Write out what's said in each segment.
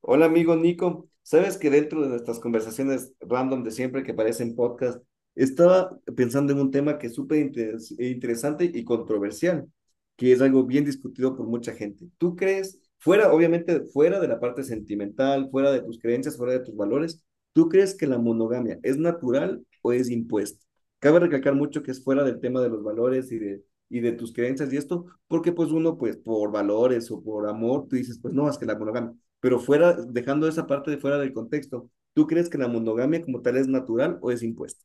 Hola amigo Nico, sabes que dentro de nuestras conversaciones random de siempre que parecen podcast, estaba pensando en un tema que es interesante y controversial, que es algo bien discutido por mucha gente. ¿Tú crees, fuera, obviamente, fuera de la parte sentimental, fuera de tus creencias, fuera de tus valores, ¿tú crees que la monogamia es natural o es impuesta? Cabe recalcar mucho que es fuera del tema de los valores y de tus creencias y esto, porque pues uno pues por valores o por amor, tú dices, pues no, es que la monogamia. Pero fuera, dejando esa parte de fuera del contexto, ¿tú crees que la monogamia como tal es natural o es impuesta?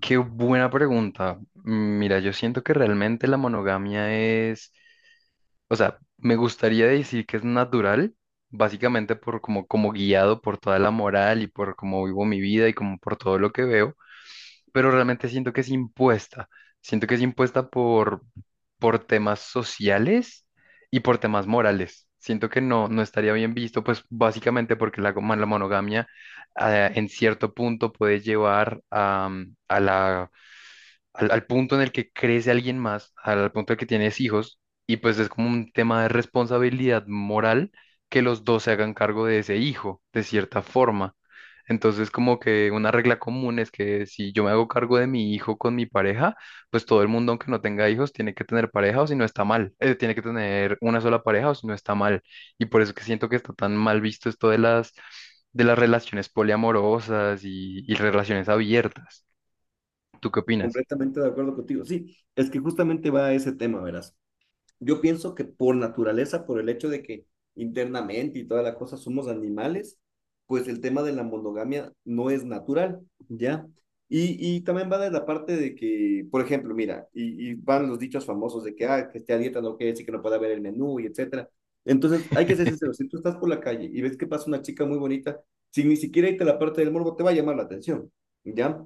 Qué buena pregunta. Mira, yo siento que realmente la monogamia, me gustaría decir que es natural, básicamente por como guiado por toda la moral y por cómo vivo mi vida y como por todo lo que veo, pero realmente siento que es impuesta. Siento que es impuesta por temas sociales y por temas morales. Siento que no estaría bien visto, pues básicamente porque la monogamia en cierto punto puede llevar a la al, al, punto en el que crece alguien más, al punto en el que tienes hijos, y pues es como un tema de responsabilidad moral que los dos se hagan cargo de ese hijo, de cierta forma. Entonces, como que una regla común es que si yo me hago cargo de mi hijo con mi pareja, pues todo el mundo, aunque no tenga hijos, tiene que tener pareja o si no está mal. Tiene que tener una sola pareja o si no está mal. Y por eso que siento que está tan mal visto esto de las relaciones poliamorosas y relaciones abiertas. ¿Tú qué opinas? Completamente de acuerdo contigo. Sí, es que justamente va a ese tema, verás. Yo pienso que por naturaleza, por el hecho de que internamente y toda la cosa somos animales, pues el tema de la monogamia no es natural, ¿ya? Y también va de la parte de que, por ejemplo, mira, y van los dichos famosos de que, ah, que esté a dieta no quiere decir que no pueda haber el menú y etcétera. Entonces, hay que ser sincero, si tú estás por la calle y ves que pasa una chica muy bonita, sin ni siquiera irte a la parte del morbo, te va a llamar la atención, ¿ya?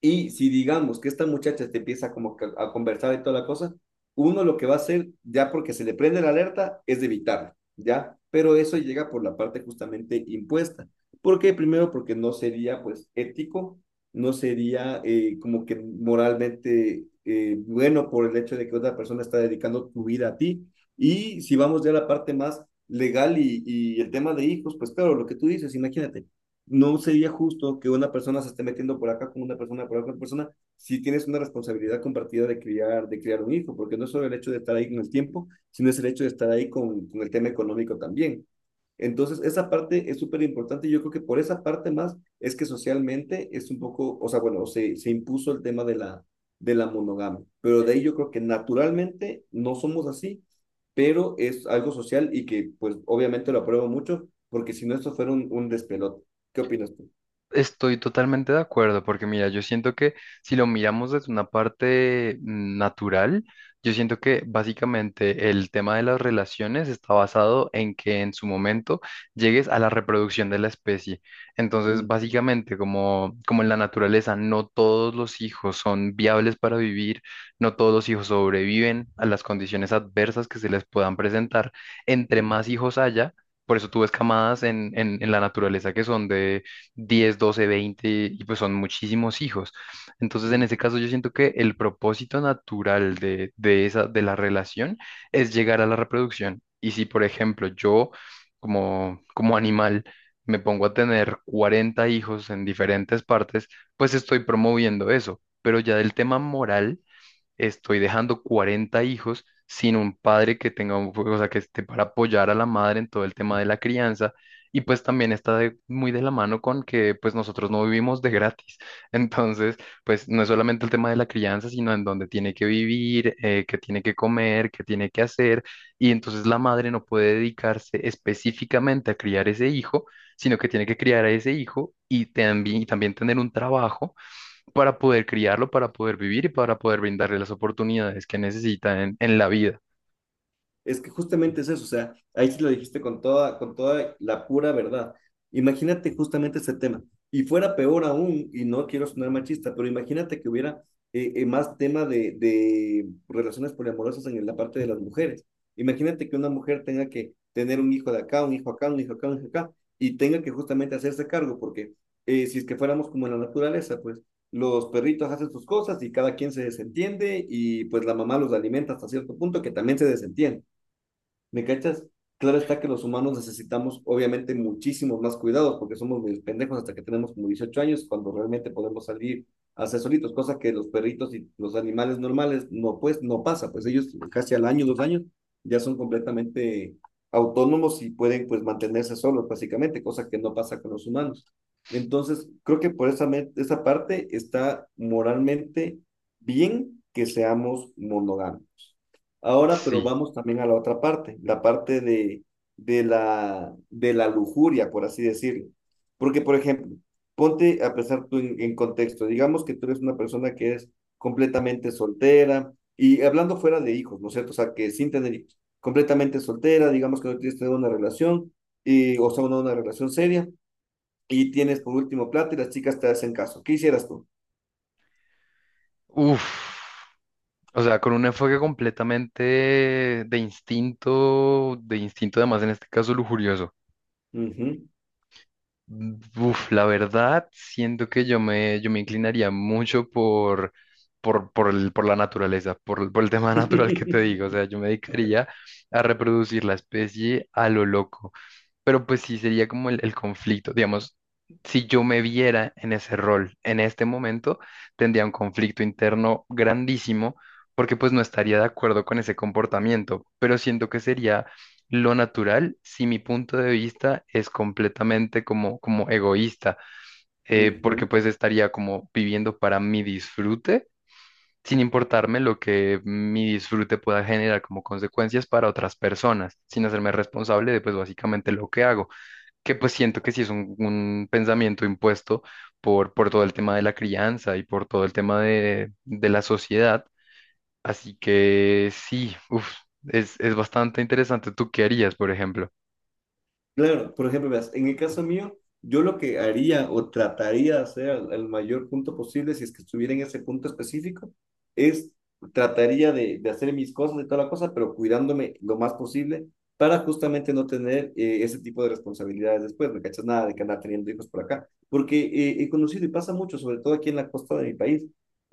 Y si digamos que esta muchacha te empieza como que a conversar y toda la cosa, uno lo que va a hacer, ya porque se le prende la alerta, es de evitarla, ¿ya? Pero eso llega por la parte justamente impuesta. ¿Por qué? Primero, porque no sería pues ético, no sería como que moralmente bueno, por el hecho de que otra persona está dedicando tu vida a ti. Y si vamos ya a la parte más legal y el tema de hijos, pues claro, lo que tú dices, imagínate, no sería justo que una persona se esté metiendo por acá con una persona, por acá con otra persona, si tienes una responsabilidad compartida de criar un hijo, porque no es solo el hecho de estar ahí con el tiempo, sino es el hecho de estar ahí con el tema económico también. Entonces, esa parte es súper importante. Yo creo que por esa parte más es que socialmente es un poco, o sea, bueno, se impuso el tema de de la monogamia, pero de ahí yo creo que naturalmente no somos así, pero es algo social y que pues obviamente lo apruebo mucho, porque si no esto fuera un despelote. ¿Qué opinas tú? Estoy totalmente de acuerdo, porque mira, yo siento que si lo miramos desde una parte natural, yo siento que básicamente el tema de las relaciones está basado en que en su momento llegues a la reproducción de la especie. Entonces, Mm, básicamente, como en la naturaleza, no todos los hijos son viables para vivir, no todos los hijos sobreviven a las condiciones adversas que se les puedan presentar. Entre más ujú, hijos haya, por eso tú ves camadas en la naturaleza que son de 10 12 20 y pues son muchísimos hijos. Entonces, en ujú. ese caso, yo siento que el propósito natural de la relación es llegar a la reproducción. Y si, por ejemplo, yo como animal me pongo a tener 40 hijos en diferentes partes, pues estoy promoviendo eso. Pero ya del tema moral estoy dejando 40 hijos sin un padre que tenga un, o sea, que esté para apoyar a la madre en todo el tema de la crianza. Y pues también está de- muy de la mano con que pues nosotros no vivimos de gratis. Entonces, pues no es solamente el tema de la crianza, sino en dónde tiene que vivir, qué tiene que comer, qué tiene que hacer. Y entonces la madre no puede dedicarse específicamente a criar ese hijo, sino que tiene que criar a ese hijo y también tener un trabajo para poder criarlo, para poder vivir y para poder brindarle las oportunidades que necesita en la vida. Es que justamente es eso, o sea, ahí sí lo dijiste con toda la pura verdad. Imagínate justamente ese tema. Y fuera peor aún, y no quiero sonar machista, pero imagínate que hubiera más tema de relaciones poliamorosas en la parte de las mujeres. Imagínate que una mujer tenga que tener un hijo de acá, un hijo acá, un hijo acá, un hijo acá, y tenga que justamente hacerse cargo, porque si es que fuéramos como en la naturaleza, pues los perritos hacen sus cosas y cada quien se desentiende y pues la mamá los alimenta hasta cierto punto que también se desentiende. ¿Me cachas? Claro está que los humanos necesitamos obviamente muchísimos más cuidados porque somos muy pendejos hasta que tenemos como 18 años cuando realmente podemos salir a ser solitos, cosa que los perritos y los animales normales no, pues no pasa, pues ellos casi al año, 2 años ya son completamente autónomos y pueden pues mantenerse solos básicamente, cosa que no pasa con los humanos. Entonces, creo que por esa parte está moralmente bien que seamos monógamos. Ahora, pero Sí. vamos también a la otra parte, la parte de de la lujuria, por así decirlo. Porque, por ejemplo, ponte a pensar tú en contexto, digamos que tú eres una persona que es completamente soltera y hablando fuera de hijos, ¿no es cierto? O sea, que sin tener hijos, completamente soltera, digamos que no tienes tener una relación, y, o sea, una relación seria, y tienes por último plata y las chicas te hacen caso. ¿Qué hicieras tú? Uf. O sea, con un enfoque completamente de instinto además en este caso lujurioso. Ujú. Uf, la verdad, siento que yo me inclinaría mucho por la naturaleza, por el tema natural que te digo. O sea, yo me dedicaría a reproducir la especie a lo loco. Pero pues sí, sería como el conflicto. Digamos, si yo me viera en ese rol en este momento, tendría un conflicto interno grandísimo porque pues no estaría de acuerdo con ese comportamiento. Pero siento que sería lo natural si mi punto de vista es completamente como egoísta, porque Ujú. pues estaría como viviendo para mi disfrute. Sin importarme lo que mi disfrute pueda generar como consecuencias para otras personas, sin hacerme responsable de pues básicamente lo que hago que pues siento que sí es un pensamiento impuesto por todo el tema de la crianza y por todo el tema de la sociedad. Así que sí, uf, es bastante interesante. ¿Tú qué harías, por ejemplo? Claro, por ejemplo, veas, en el caso mío, yo lo que haría o trataría de hacer al mayor punto posible, si es que estuviera en ese punto específico, es trataría de hacer mis cosas y toda la cosa, pero cuidándome lo más posible para justamente no tener ese tipo de responsabilidades después, ¿me cachas? Nada de que andar teniendo hijos por acá, porque he conocido y pasa mucho, sobre todo aquí en la costa de mi país,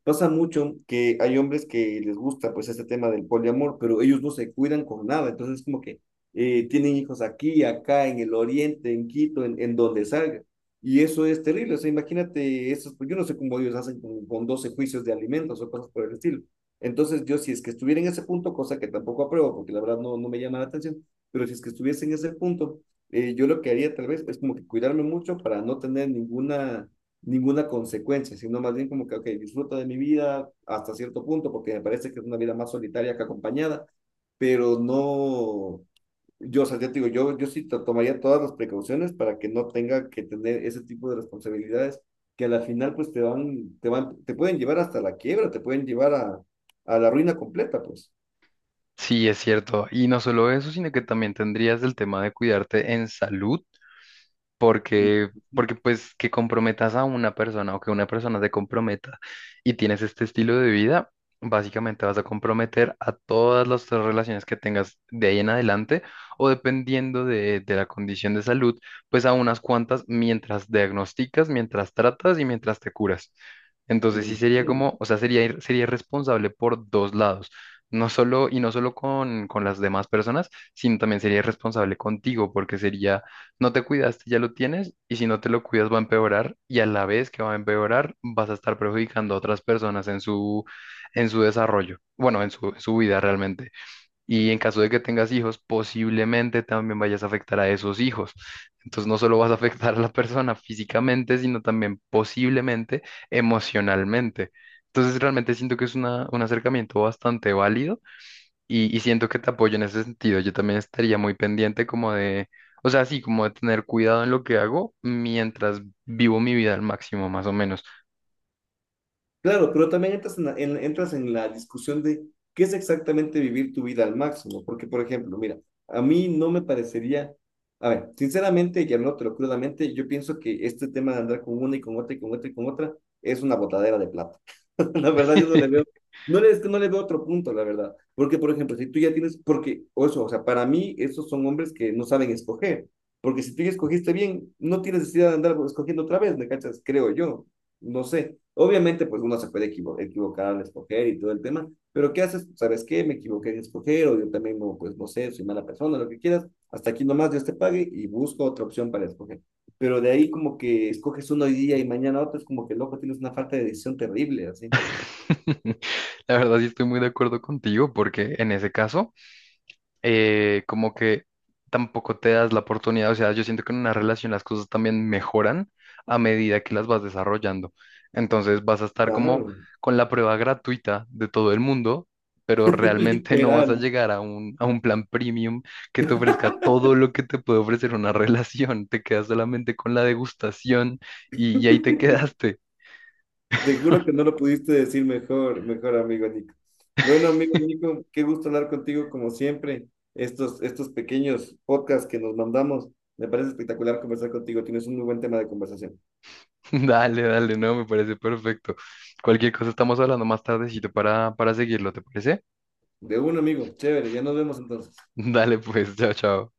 pasa mucho que hay hombres que les gusta pues este tema del poliamor, pero ellos no se cuidan con nada, entonces es como que tienen hijos aquí, acá, en el oriente, en Quito, en donde salga. Y eso es terrible. O sea, imagínate, eso, yo no sé cómo ellos hacen con 12 juicios de alimentos o cosas por el estilo. Entonces, yo si es que estuviera en ese punto, cosa que tampoco apruebo, porque la verdad no, no me llama la atención, pero si es que estuviese en ese punto, yo lo que haría tal vez es como que cuidarme mucho para no tener ninguna, ninguna consecuencia, sino más bien como que, ok, disfruto de mi vida hasta cierto punto, porque me parece que es una vida más solitaria que acompañada, pero no, yo, o sea, ya te digo, yo sí tomaría todas las precauciones para que no tenga que tener ese tipo de responsabilidades que a la final pues te van, te pueden llevar hasta la quiebra, te pueden llevar a la ruina completa, pues. Sí, es cierto. Y no solo eso, sino que también tendrías el tema de cuidarte en salud Mm, porque pues que comprometas a una persona o que una persona se comprometa y tienes este estilo de vida, básicamente vas a comprometer a todas las otras relaciones que tengas de ahí en adelante o dependiendo de la condición de salud, pues a unas cuantas mientras diagnosticas, mientras tratas y mientras te curas. Entonces sí mm, sería mm. como, o sea, sería, ir- sería irresponsable por dos lados. Y no solo con las demás personas, sino también sería irresponsable contigo, porque sería no te cuidaste, ya lo tienes, y si no te lo cuidas va a empeorar, y a la vez que va a empeorar, vas a estar perjudicando a otras personas en su desarrollo, bueno, en su vida realmente. Y en caso de que tengas hijos, posiblemente también vayas a afectar a esos hijos. Entonces no solo vas a afectar a la persona físicamente, sino también posiblemente emocionalmente. Entonces realmente siento que es una- un acercamiento bastante válido y siento que te apoyo en ese sentido. Yo también estaría muy pendiente como de, o sea, sí, como de tener cuidado en lo que hago mientras vivo mi vida al máximo, más o menos. Claro, pero también entras en entras en la discusión de qué es exactamente vivir tu vida al máximo. Porque, por ejemplo, mira, a mí no me parecería, a ver, sinceramente, y hablándotelo crudamente, yo pienso que este tema de andar con una y con otra y con otra y con otra es una botadera de plata. La verdad, yo no le veo, no le, es que no le veo otro punto, la verdad. Porque, por ejemplo, si tú ya tienes, porque, o eso, o sea, para mí, esos son hombres que no saben escoger. Porque si tú ya escogiste bien, no tienes necesidad de andar escogiendo otra vez, ¿me cachas? Creo yo. No sé. Obviamente, pues uno se puede equivocar al escoger y todo el tema, pero ¿qué haces? ¿Sabes qué? Me equivoqué en escoger, o yo también, no, pues no sé, soy mala persona, lo que quieras. Hasta aquí nomás Dios te pague y busco otra opción para escoger. Pero de ahí como que escoges uno hoy día y mañana otro, es como que loco, tienes una falta de decisión terrible, así. La verdad sí estoy muy de acuerdo contigo porque en ese caso... como que tampoco te das la oportunidad, o sea, yo siento que en una relación las cosas también mejoran a medida que las vas desarrollando. Entonces vas a estar como Claro. con la prueba gratuita de todo el mundo, pero realmente no vas a Literal. llegar a un plan premium que te ofrezca todo lo que te puede ofrecer una relación. Te quedas solamente con la degustación y ahí te quedaste. Te juro que no lo pudiste decir mejor, mejor amigo Nico. Bueno, amigo Nico, qué gusto hablar contigo como siempre. Estos pequeños podcasts que nos mandamos, me parece espectacular conversar contigo. Tienes un muy buen tema de conversación. Dale, dale, no, me parece perfecto. Cualquier cosa estamos hablando más tardecito para seguirlo, ¿te parece? De un amigo, chévere, ya nos vemos entonces. Dale pues, chao, chao.